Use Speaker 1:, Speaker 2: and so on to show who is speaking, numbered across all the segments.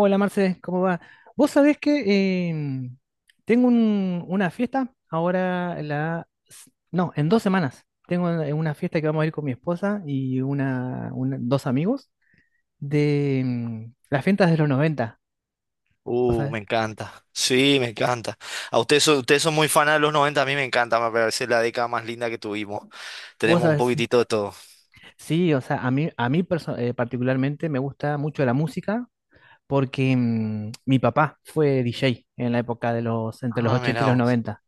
Speaker 1: Hola Marce, ¿cómo va? Vos sabés que tengo una fiesta ahora, no, en 2 semanas. Tengo una fiesta que vamos a ir con mi esposa y dos amigos de las fiestas de los 90. O
Speaker 2: Me
Speaker 1: sea,
Speaker 2: encanta. Sí, me encanta. A ustedes son muy fanas de los 90. A mí me encanta, me parece la década más linda que tuvimos.
Speaker 1: vos
Speaker 2: Tenemos un
Speaker 1: sabés, sí.
Speaker 2: poquitito de todo.
Speaker 1: Sí, o sea, a mí particularmente me gusta mucho la música porque mi papá fue DJ en la época de entre los
Speaker 2: Ah,
Speaker 1: 80 y
Speaker 2: mira
Speaker 1: los
Speaker 2: vos.
Speaker 1: 90.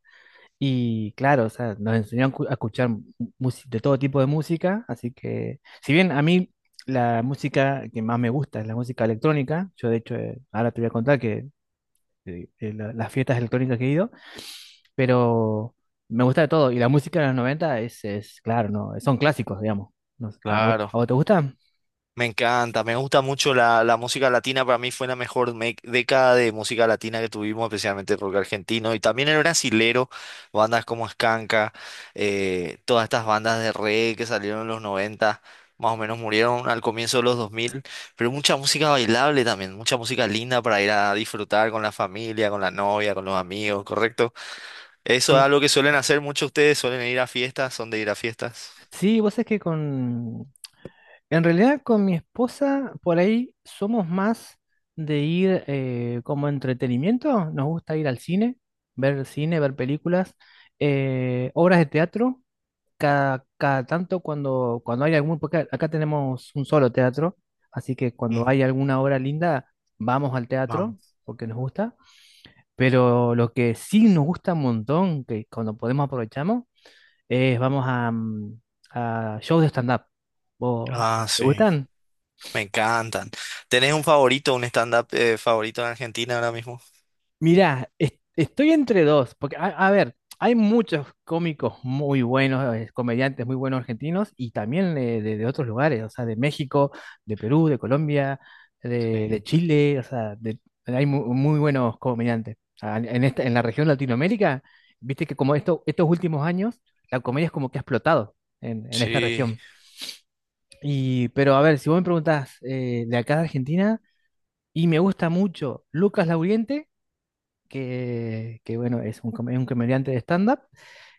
Speaker 1: Y claro, o sea, nos enseñaron a escuchar de todo tipo de música, así que, si bien a mí la música que más me gusta es la música electrónica, yo de hecho, ahora te voy a contar que las fiestas electrónicas que he ido, pero me gusta de todo, y la música de los 90 es claro, no, son clásicos, digamos. No sé, ¿A vos,
Speaker 2: Claro.
Speaker 1: te gusta?
Speaker 2: Me encanta, me gusta mucho la música latina. Para mí fue la mejor década de música latina que tuvimos, especialmente el rock argentino y también el brasilero, bandas como Skanka, todas estas bandas de reggae que salieron en los 90, más o menos murieron al comienzo de los 2000. Pero mucha música bailable también, mucha música linda para ir a disfrutar con la familia, con la novia, con los amigos, ¿correcto? Eso es
Speaker 1: Sí,
Speaker 2: algo que suelen hacer muchos ustedes, suelen ir a fiestas, son de ir a fiestas.
Speaker 1: sí, vos es que con, en realidad con mi esposa por ahí somos más de ir, como entretenimiento. Nos gusta ir al cine, ver películas, obras de teatro, cada tanto cuando, hay algún, porque acá tenemos un solo teatro, así que cuando
Speaker 2: Ujú.
Speaker 1: hay alguna obra linda vamos al
Speaker 2: Mam.
Speaker 1: teatro porque nos gusta. Pero lo que sí nos gusta un montón, que cuando podemos aprovechamos, es vamos a, a shows de stand-up. ¿Vos-
Speaker 2: Ah,
Speaker 1: ¿Te
Speaker 2: sí.
Speaker 1: gustan?
Speaker 2: Me encantan. ¿Tenés un favorito, un stand-up favorito en Argentina ahora mismo?
Speaker 1: Mirá, estoy entre dos, porque a ver, hay muchos cómicos muy buenos, comediantes muy buenos argentinos y también de, otros lugares, o sea, de México, de Perú, de Colombia,
Speaker 2: Sí,
Speaker 1: de Chile, o sea, hay muy buenos comediantes. O sea, en esta, en la región Latinoamérica, viste que como esto, estos últimos años, la comedia es como que ha explotado en esta
Speaker 2: sí.
Speaker 1: región. Y, pero a ver, si vos me preguntás de acá de Argentina, y me gusta mucho Lucas Lauriente que, bueno, es es un comediante de stand-up,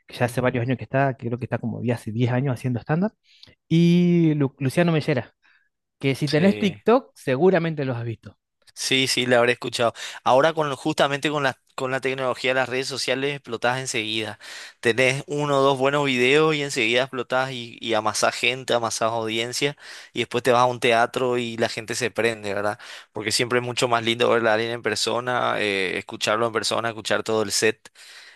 Speaker 1: que ya hace
Speaker 2: Ujú.
Speaker 1: varios años que está, que creo que está como ya hace 10 años haciendo stand-up, y Luciano Mellera, que si tenés
Speaker 2: Sí.
Speaker 1: TikTok seguramente los has visto.
Speaker 2: Sí, sí, la habré escuchado. Ahora con justamente con la tecnología de las redes sociales explotás enseguida. Tenés uno o dos buenos videos y enseguida explotás y amasás gente, amasás audiencia y después te vas a un teatro y la gente se prende, ¿verdad? Porque siempre es mucho más lindo verla a alguien en persona, escucharlo en persona, escuchar todo el set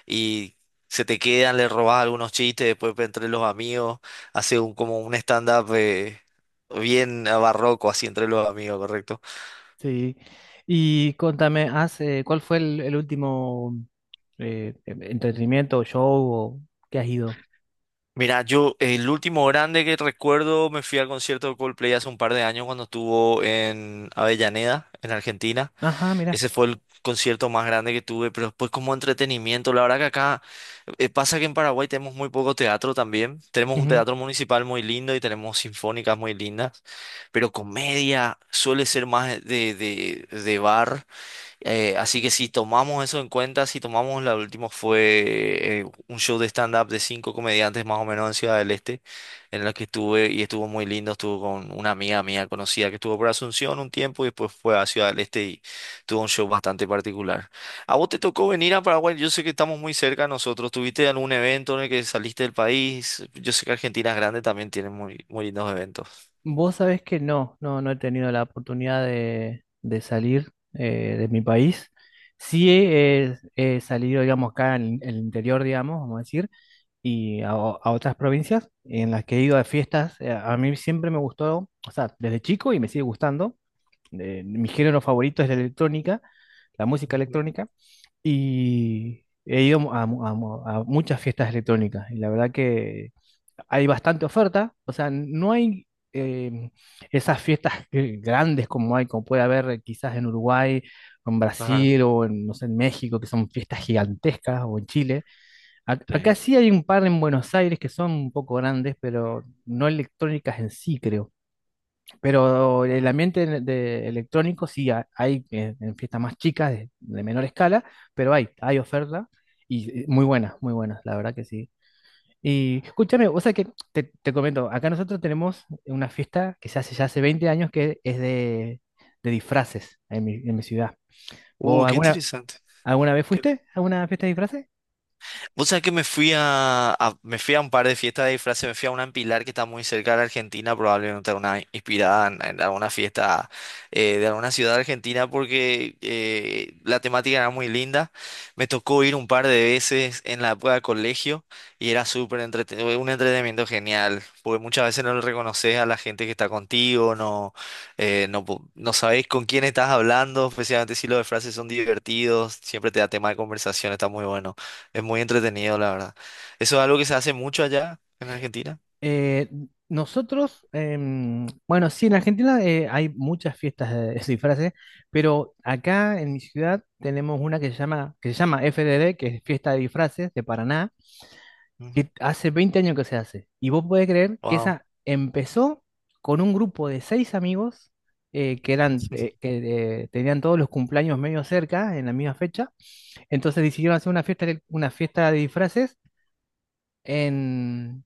Speaker 2: y se te quedan, le robás algunos chistes, después entre los amigos, hace un, como un stand-up bien barroco así entre los amigos, ¿correcto?
Speaker 1: Sí. Y contame, hace ¿cuál fue el último entretenimiento, show o que has ido?
Speaker 2: Mira, yo el último grande que recuerdo me fui al concierto de Coldplay hace un par de años cuando estuvo en Avellaneda, en Argentina.
Speaker 1: Ajá, mira.
Speaker 2: Ese fue el concierto más grande que tuve, pero después como entretenimiento, la verdad que acá pasa que en Paraguay tenemos muy poco teatro también. Tenemos un teatro municipal muy lindo y tenemos sinfónicas muy lindas, pero comedia suele ser más de bar. Así que si tomamos eso en cuenta, si tomamos la última fue un show de stand-up de cinco comediantes más o menos en Ciudad del Este, en la que estuve y estuvo muy lindo, estuvo con una amiga mía conocida que estuvo por Asunción un tiempo y después fue a Ciudad del Este y tuvo un show bastante particular. ¿A vos te tocó venir a Paraguay? Yo sé que estamos muy cerca nosotros. ¿Tuviste algún evento en el que saliste del país? Yo sé que Argentina es grande, también tiene muy, muy lindos eventos.
Speaker 1: Vos sabés que no, no, no he tenido la oportunidad de salir de mi país. Sí, he salido, digamos, acá el interior, digamos, vamos a decir, y a otras provincias en las que he ido a fiestas. A mí siempre me gustó, o sea, desde chico y me sigue gustando. Mi género favorito es la electrónica, la música
Speaker 2: Ujú.
Speaker 1: electrónica, y he ido a muchas fiestas electrónicas. Y la verdad que hay bastante oferta, o sea, no hay eh, esas fiestas grandes como hay, como puede haber quizás en Uruguay, o en
Speaker 2: Claro,
Speaker 1: Brasil o en, no sé, en México, que son fiestas gigantescas, o en Chile. Acá
Speaker 2: sí.
Speaker 1: sí hay un par en Buenos Aires que son un poco grandes, pero no electrónicas en sí, creo. Pero el ambiente de electrónico sí hay, fiestas más chicas, de menor escala, pero hay oferta. Y muy buenas, la verdad que sí. Y escúchame, o sea que te comento, acá nosotros tenemos una fiesta que se hace ya hace 20 años que es de disfraces en en mi ciudad. ¿Vos
Speaker 2: Qué interesante.
Speaker 1: alguna vez fuiste a una fiesta de disfraces?
Speaker 2: Vos sabés que me fui me fui a un par de fiestas de disfraces, me fui a una en Pilar que está muy cerca de Argentina, probablemente una inspirada en alguna fiesta de alguna ciudad argentina porque la temática era muy linda. Me tocó ir un par de veces en la época de colegio y era súper entretenido, un entretenimiento genial, porque muchas veces no le reconoces a la gente que está contigo. No, no, no sabés con quién estás hablando, especialmente si los disfraces son divertidos, siempre te da tema de conversación, está muy bueno. Es muy entretenido, la verdad. Eso es algo que se hace mucho allá en Argentina.
Speaker 1: Eh, Nosotros, bueno, sí, en Argentina hay muchas fiestas de disfraces, pero acá en mi ciudad tenemos una que se llama, FDD, que es Fiesta de Disfraces de Paraná que hace 20 años que se hace. Y vos podés creer que
Speaker 2: Wow.
Speaker 1: esa empezó con un grupo de seis amigos que eran, que tenían todos los cumpleaños medio cerca, en la misma fecha. Entonces decidieron hacer una fiesta de disfraces en,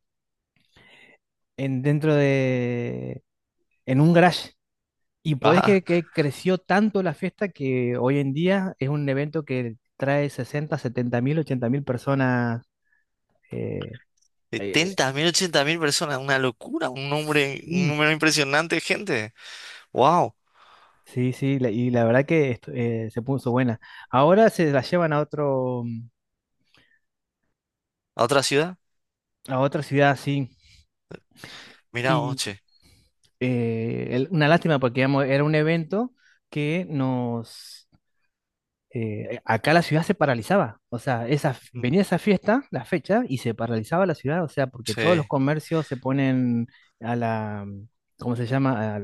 Speaker 1: en dentro de, en un garage. Y podés
Speaker 2: Ah,
Speaker 1: creer que creció tanto la fiesta que hoy en día es un evento que trae 60, 70 mil, 80 mil personas. eh, Eh, eh,
Speaker 2: 70 mil, 80 mil personas, una locura, un nombre, un número impresionante de gente. Wow.
Speaker 1: Sí, sí, y la verdad que se puso buena. Ahora se la llevan
Speaker 2: ¿A otra ciudad?
Speaker 1: a otra ciudad, sí.
Speaker 2: Mira,
Speaker 1: Y
Speaker 2: oche.
Speaker 1: eh, el- una lástima porque digamos, era un evento que nos. Acá la ciudad se paralizaba. O sea,
Speaker 2: Ujú.
Speaker 1: venía esa fiesta, la fecha, y se paralizaba la ciudad. O sea, porque todos los
Speaker 2: Sí,
Speaker 1: comercios se ponen a la. ¿Cómo se llama?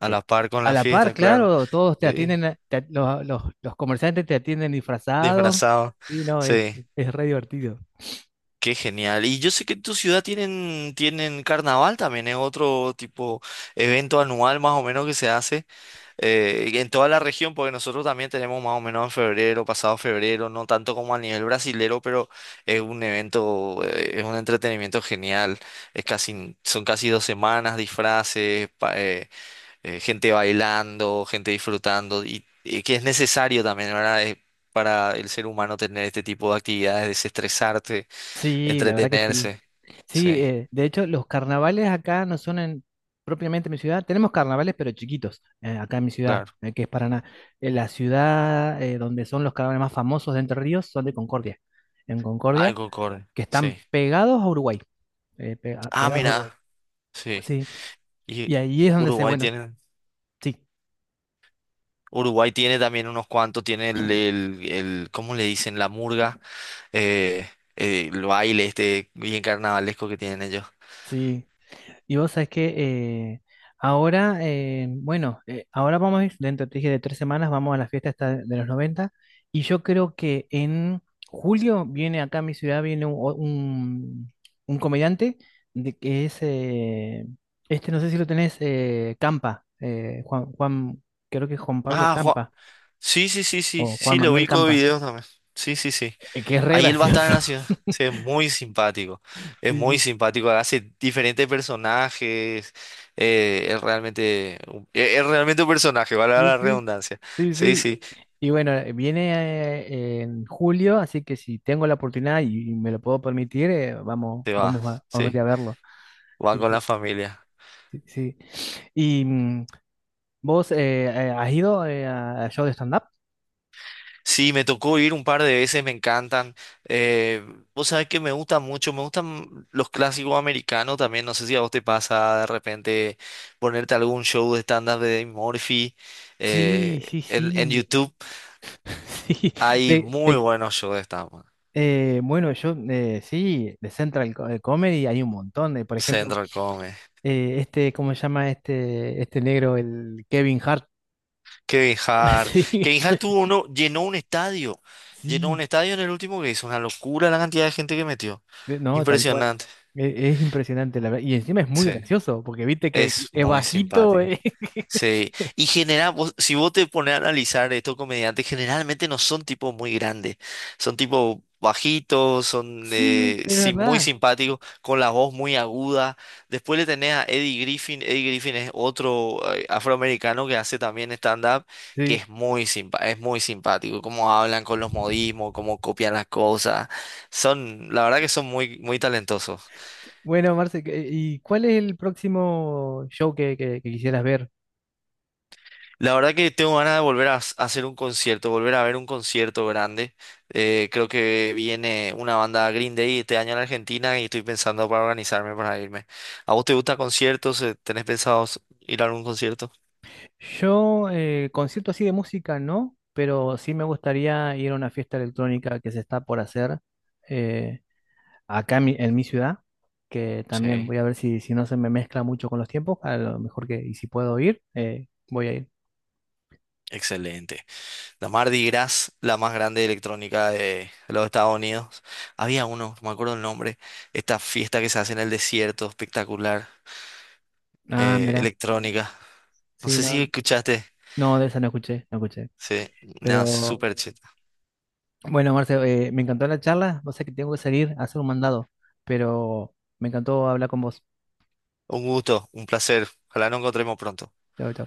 Speaker 2: a
Speaker 1: Eh,
Speaker 2: la par con
Speaker 1: A
Speaker 2: la
Speaker 1: la par,
Speaker 2: fiesta, claro.
Speaker 1: claro, todos te
Speaker 2: Sí,
Speaker 1: atienden, los comerciantes te atienden disfrazados.
Speaker 2: disfrazado.
Speaker 1: Sí, no,
Speaker 2: Sí,
Speaker 1: es re divertido.
Speaker 2: qué genial. Y yo sé que en tu ciudad tienen, tienen carnaval también, es otro tipo evento anual más o menos que se hace. Y en toda la región, porque nosotros también tenemos más o menos en febrero, pasado febrero, no tanto como a nivel brasilero, pero es un evento, es un entretenimiento genial. Es casi, son casi 2 semanas, disfraces, gente bailando, gente disfrutando, y que es necesario también, ¿verdad? Es para el ser humano tener este tipo de actividades, desestresarte,
Speaker 1: Sí, la verdad que sí.
Speaker 2: entretenerse. Sí,
Speaker 1: Sí, de hecho, los carnavales acá no son propiamente en mi ciudad. Tenemos carnavales, pero chiquitos, acá en mi ciudad,
Speaker 2: claro.
Speaker 1: que es Paraná. La ciudad donde son los carnavales más famosos de Entre Ríos son de Concordia. En
Speaker 2: Ah,
Speaker 1: Concordia,
Speaker 2: en Concorde,
Speaker 1: que están
Speaker 2: sí.
Speaker 1: pegados a Uruguay.
Speaker 2: Ah,
Speaker 1: Pegados a Uruguay.
Speaker 2: mira, sí.
Speaker 1: Sí.
Speaker 2: Y
Speaker 1: Y ahí es donde se,
Speaker 2: Uruguay
Speaker 1: bueno,
Speaker 2: tiene.
Speaker 1: sí,
Speaker 2: Uruguay tiene también unos cuantos, tiene ¿cómo le dicen? La murga, eh, el baile este bien carnavalesco que tienen ellos.
Speaker 1: sí. Y vos sabés que eh, ahora vamos a ir, dentro te dije, de 3 semanas, vamos a la fiesta esta de los noventa. Y yo creo que en julio viene acá a mi ciudad, viene un, un comediante que es, este no sé si lo tenés, Campa, Juan, creo que es Juan Pablo
Speaker 2: Ah, Juan.
Speaker 1: Campa
Speaker 2: Sí, sí, sí, sí,
Speaker 1: o Juan
Speaker 2: sí, lo
Speaker 1: Manuel
Speaker 2: ubico de
Speaker 1: Campa,
Speaker 2: videos también. Sí, sí, sí.
Speaker 1: que es re
Speaker 2: Ahí él va a estar
Speaker 1: gracioso.
Speaker 2: en la ciudad. Sí, es muy simpático. Es
Speaker 1: Sí,
Speaker 2: muy
Speaker 1: sí.
Speaker 2: simpático. Hace diferentes personajes. Es realmente, es realmente un personaje, vale
Speaker 1: Sí,
Speaker 2: la
Speaker 1: sí.
Speaker 2: redundancia.
Speaker 1: Sí,
Speaker 2: Sí,
Speaker 1: sí.
Speaker 2: sí,
Speaker 1: Y bueno, viene en julio, así que si tengo la oportunidad y me lo puedo permitir,
Speaker 2: se va.
Speaker 1: vamos a ir
Speaker 2: Sí,
Speaker 1: a verlo.
Speaker 2: van
Speaker 1: Sí,
Speaker 2: con la
Speaker 1: sí,
Speaker 2: familia.
Speaker 1: sí, sí. ¿Y vos has ido a show de stand-up?
Speaker 2: Sí, me tocó ir un par de veces, me encantan. Eh, vos sabés que me gusta mucho, me gustan los clásicos americanos también. No sé si a vos te pasa de repente ponerte algún show de stand-up de Dave Murphy.
Speaker 1: Sí,
Speaker 2: eh,
Speaker 1: sí,
Speaker 2: en
Speaker 1: sí.
Speaker 2: YouTube
Speaker 1: Sí.
Speaker 2: hay
Speaker 1: De,
Speaker 2: muy
Speaker 1: de-
Speaker 2: buenos shows de stand-up.
Speaker 1: bueno, yo sí, de Central Comedy hay un montón de, por ejemplo,
Speaker 2: Central Comedy,
Speaker 1: este, ¿cómo se llama este negro, el Kevin Hart?
Speaker 2: Kevin Hart.
Speaker 1: Sí,
Speaker 2: Kevin Hart tuvo uno, llenó un estadio. Llenó un
Speaker 1: sí.
Speaker 2: estadio en el último que hizo. Una locura la cantidad de gente que metió.
Speaker 1: No, tal cual.
Speaker 2: Impresionante.
Speaker 1: Es impresionante, la verdad. Y encima es muy
Speaker 2: Sí,
Speaker 1: gracioso, porque viste que
Speaker 2: es
Speaker 1: es
Speaker 2: muy
Speaker 1: bajito.
Speaker 2: simpático. Sí, y genera, si vos te pones a analizar estos comediantes, generalmente no son tipos muy grandes, son tipos bajitos, son
Speaker 1: Sí, es
Speaker 2: muy
Speaker 1: verdad.
Speaker 2: simpáticos, con la voz muy aguda. Después le tenés a Eddie Griffin, Eddie Griffin es otro afroamericano que hace también stand-up, que
Speaker 1: Sí.
Speaker 2: es muy es muy simpático, cómo hablan con los modismos, cómo copian las cosas. Son, la verdad que son muy, muy talentosos.
Speaker 1: Bueno, Marce, ¿Y cuál es el próximo show que quisieras ver?
Speaker 2: La verdad que tengo ganas de volver a a hacer un concierto, volver a ver un concierto grande. Creo que viene una banda Green Day este año en Argentina y estoy pensando para organizarme para irme. ¿A vos te gustan conciertos? ¿Tenés pensado ir a algún concierto?
Speaker 1: Yo, concierto así de música, no, pero sí me gustaría ir a una fiesta electrónica que se está por hacer eh, acá en en mi ciudad, que también voy
Speaker 2: Sí,
Speaker 1: a ver si no se me mezcla mucho con los tiempos, a lo mejor que, y si puedo ir, voy a ir.
Speaker 2: excelente. La Mardi Gras, la más grande de electrónica de los Estados Unidos. Había uno, no me acuerdo el nombre, esta fiesta que se hace en el desierto, espectacular,
Speaker 1: Ah, mira.
Speaker 2: electrónica. No
Speaker 1: Sí,
Speaker 2: sé si
Speaker 1: no,
Speaker 2: escuchaste.
Speaker 1: no, de esa no escuché, no escuché.
Speaker 2: Sí, nada,
Speaker 1: Pero
Speaker 2: súper chido.
Speaker 1: bueno, Marcelo, me encantó la charla. Vos sabés que tengo que salir a hacer un mandado, pero me encantó hablar con vos.
Speaker 2: Un gusto, un placer. Ojalá nos encontremos pronto.
Speaker 1: Chau, chau.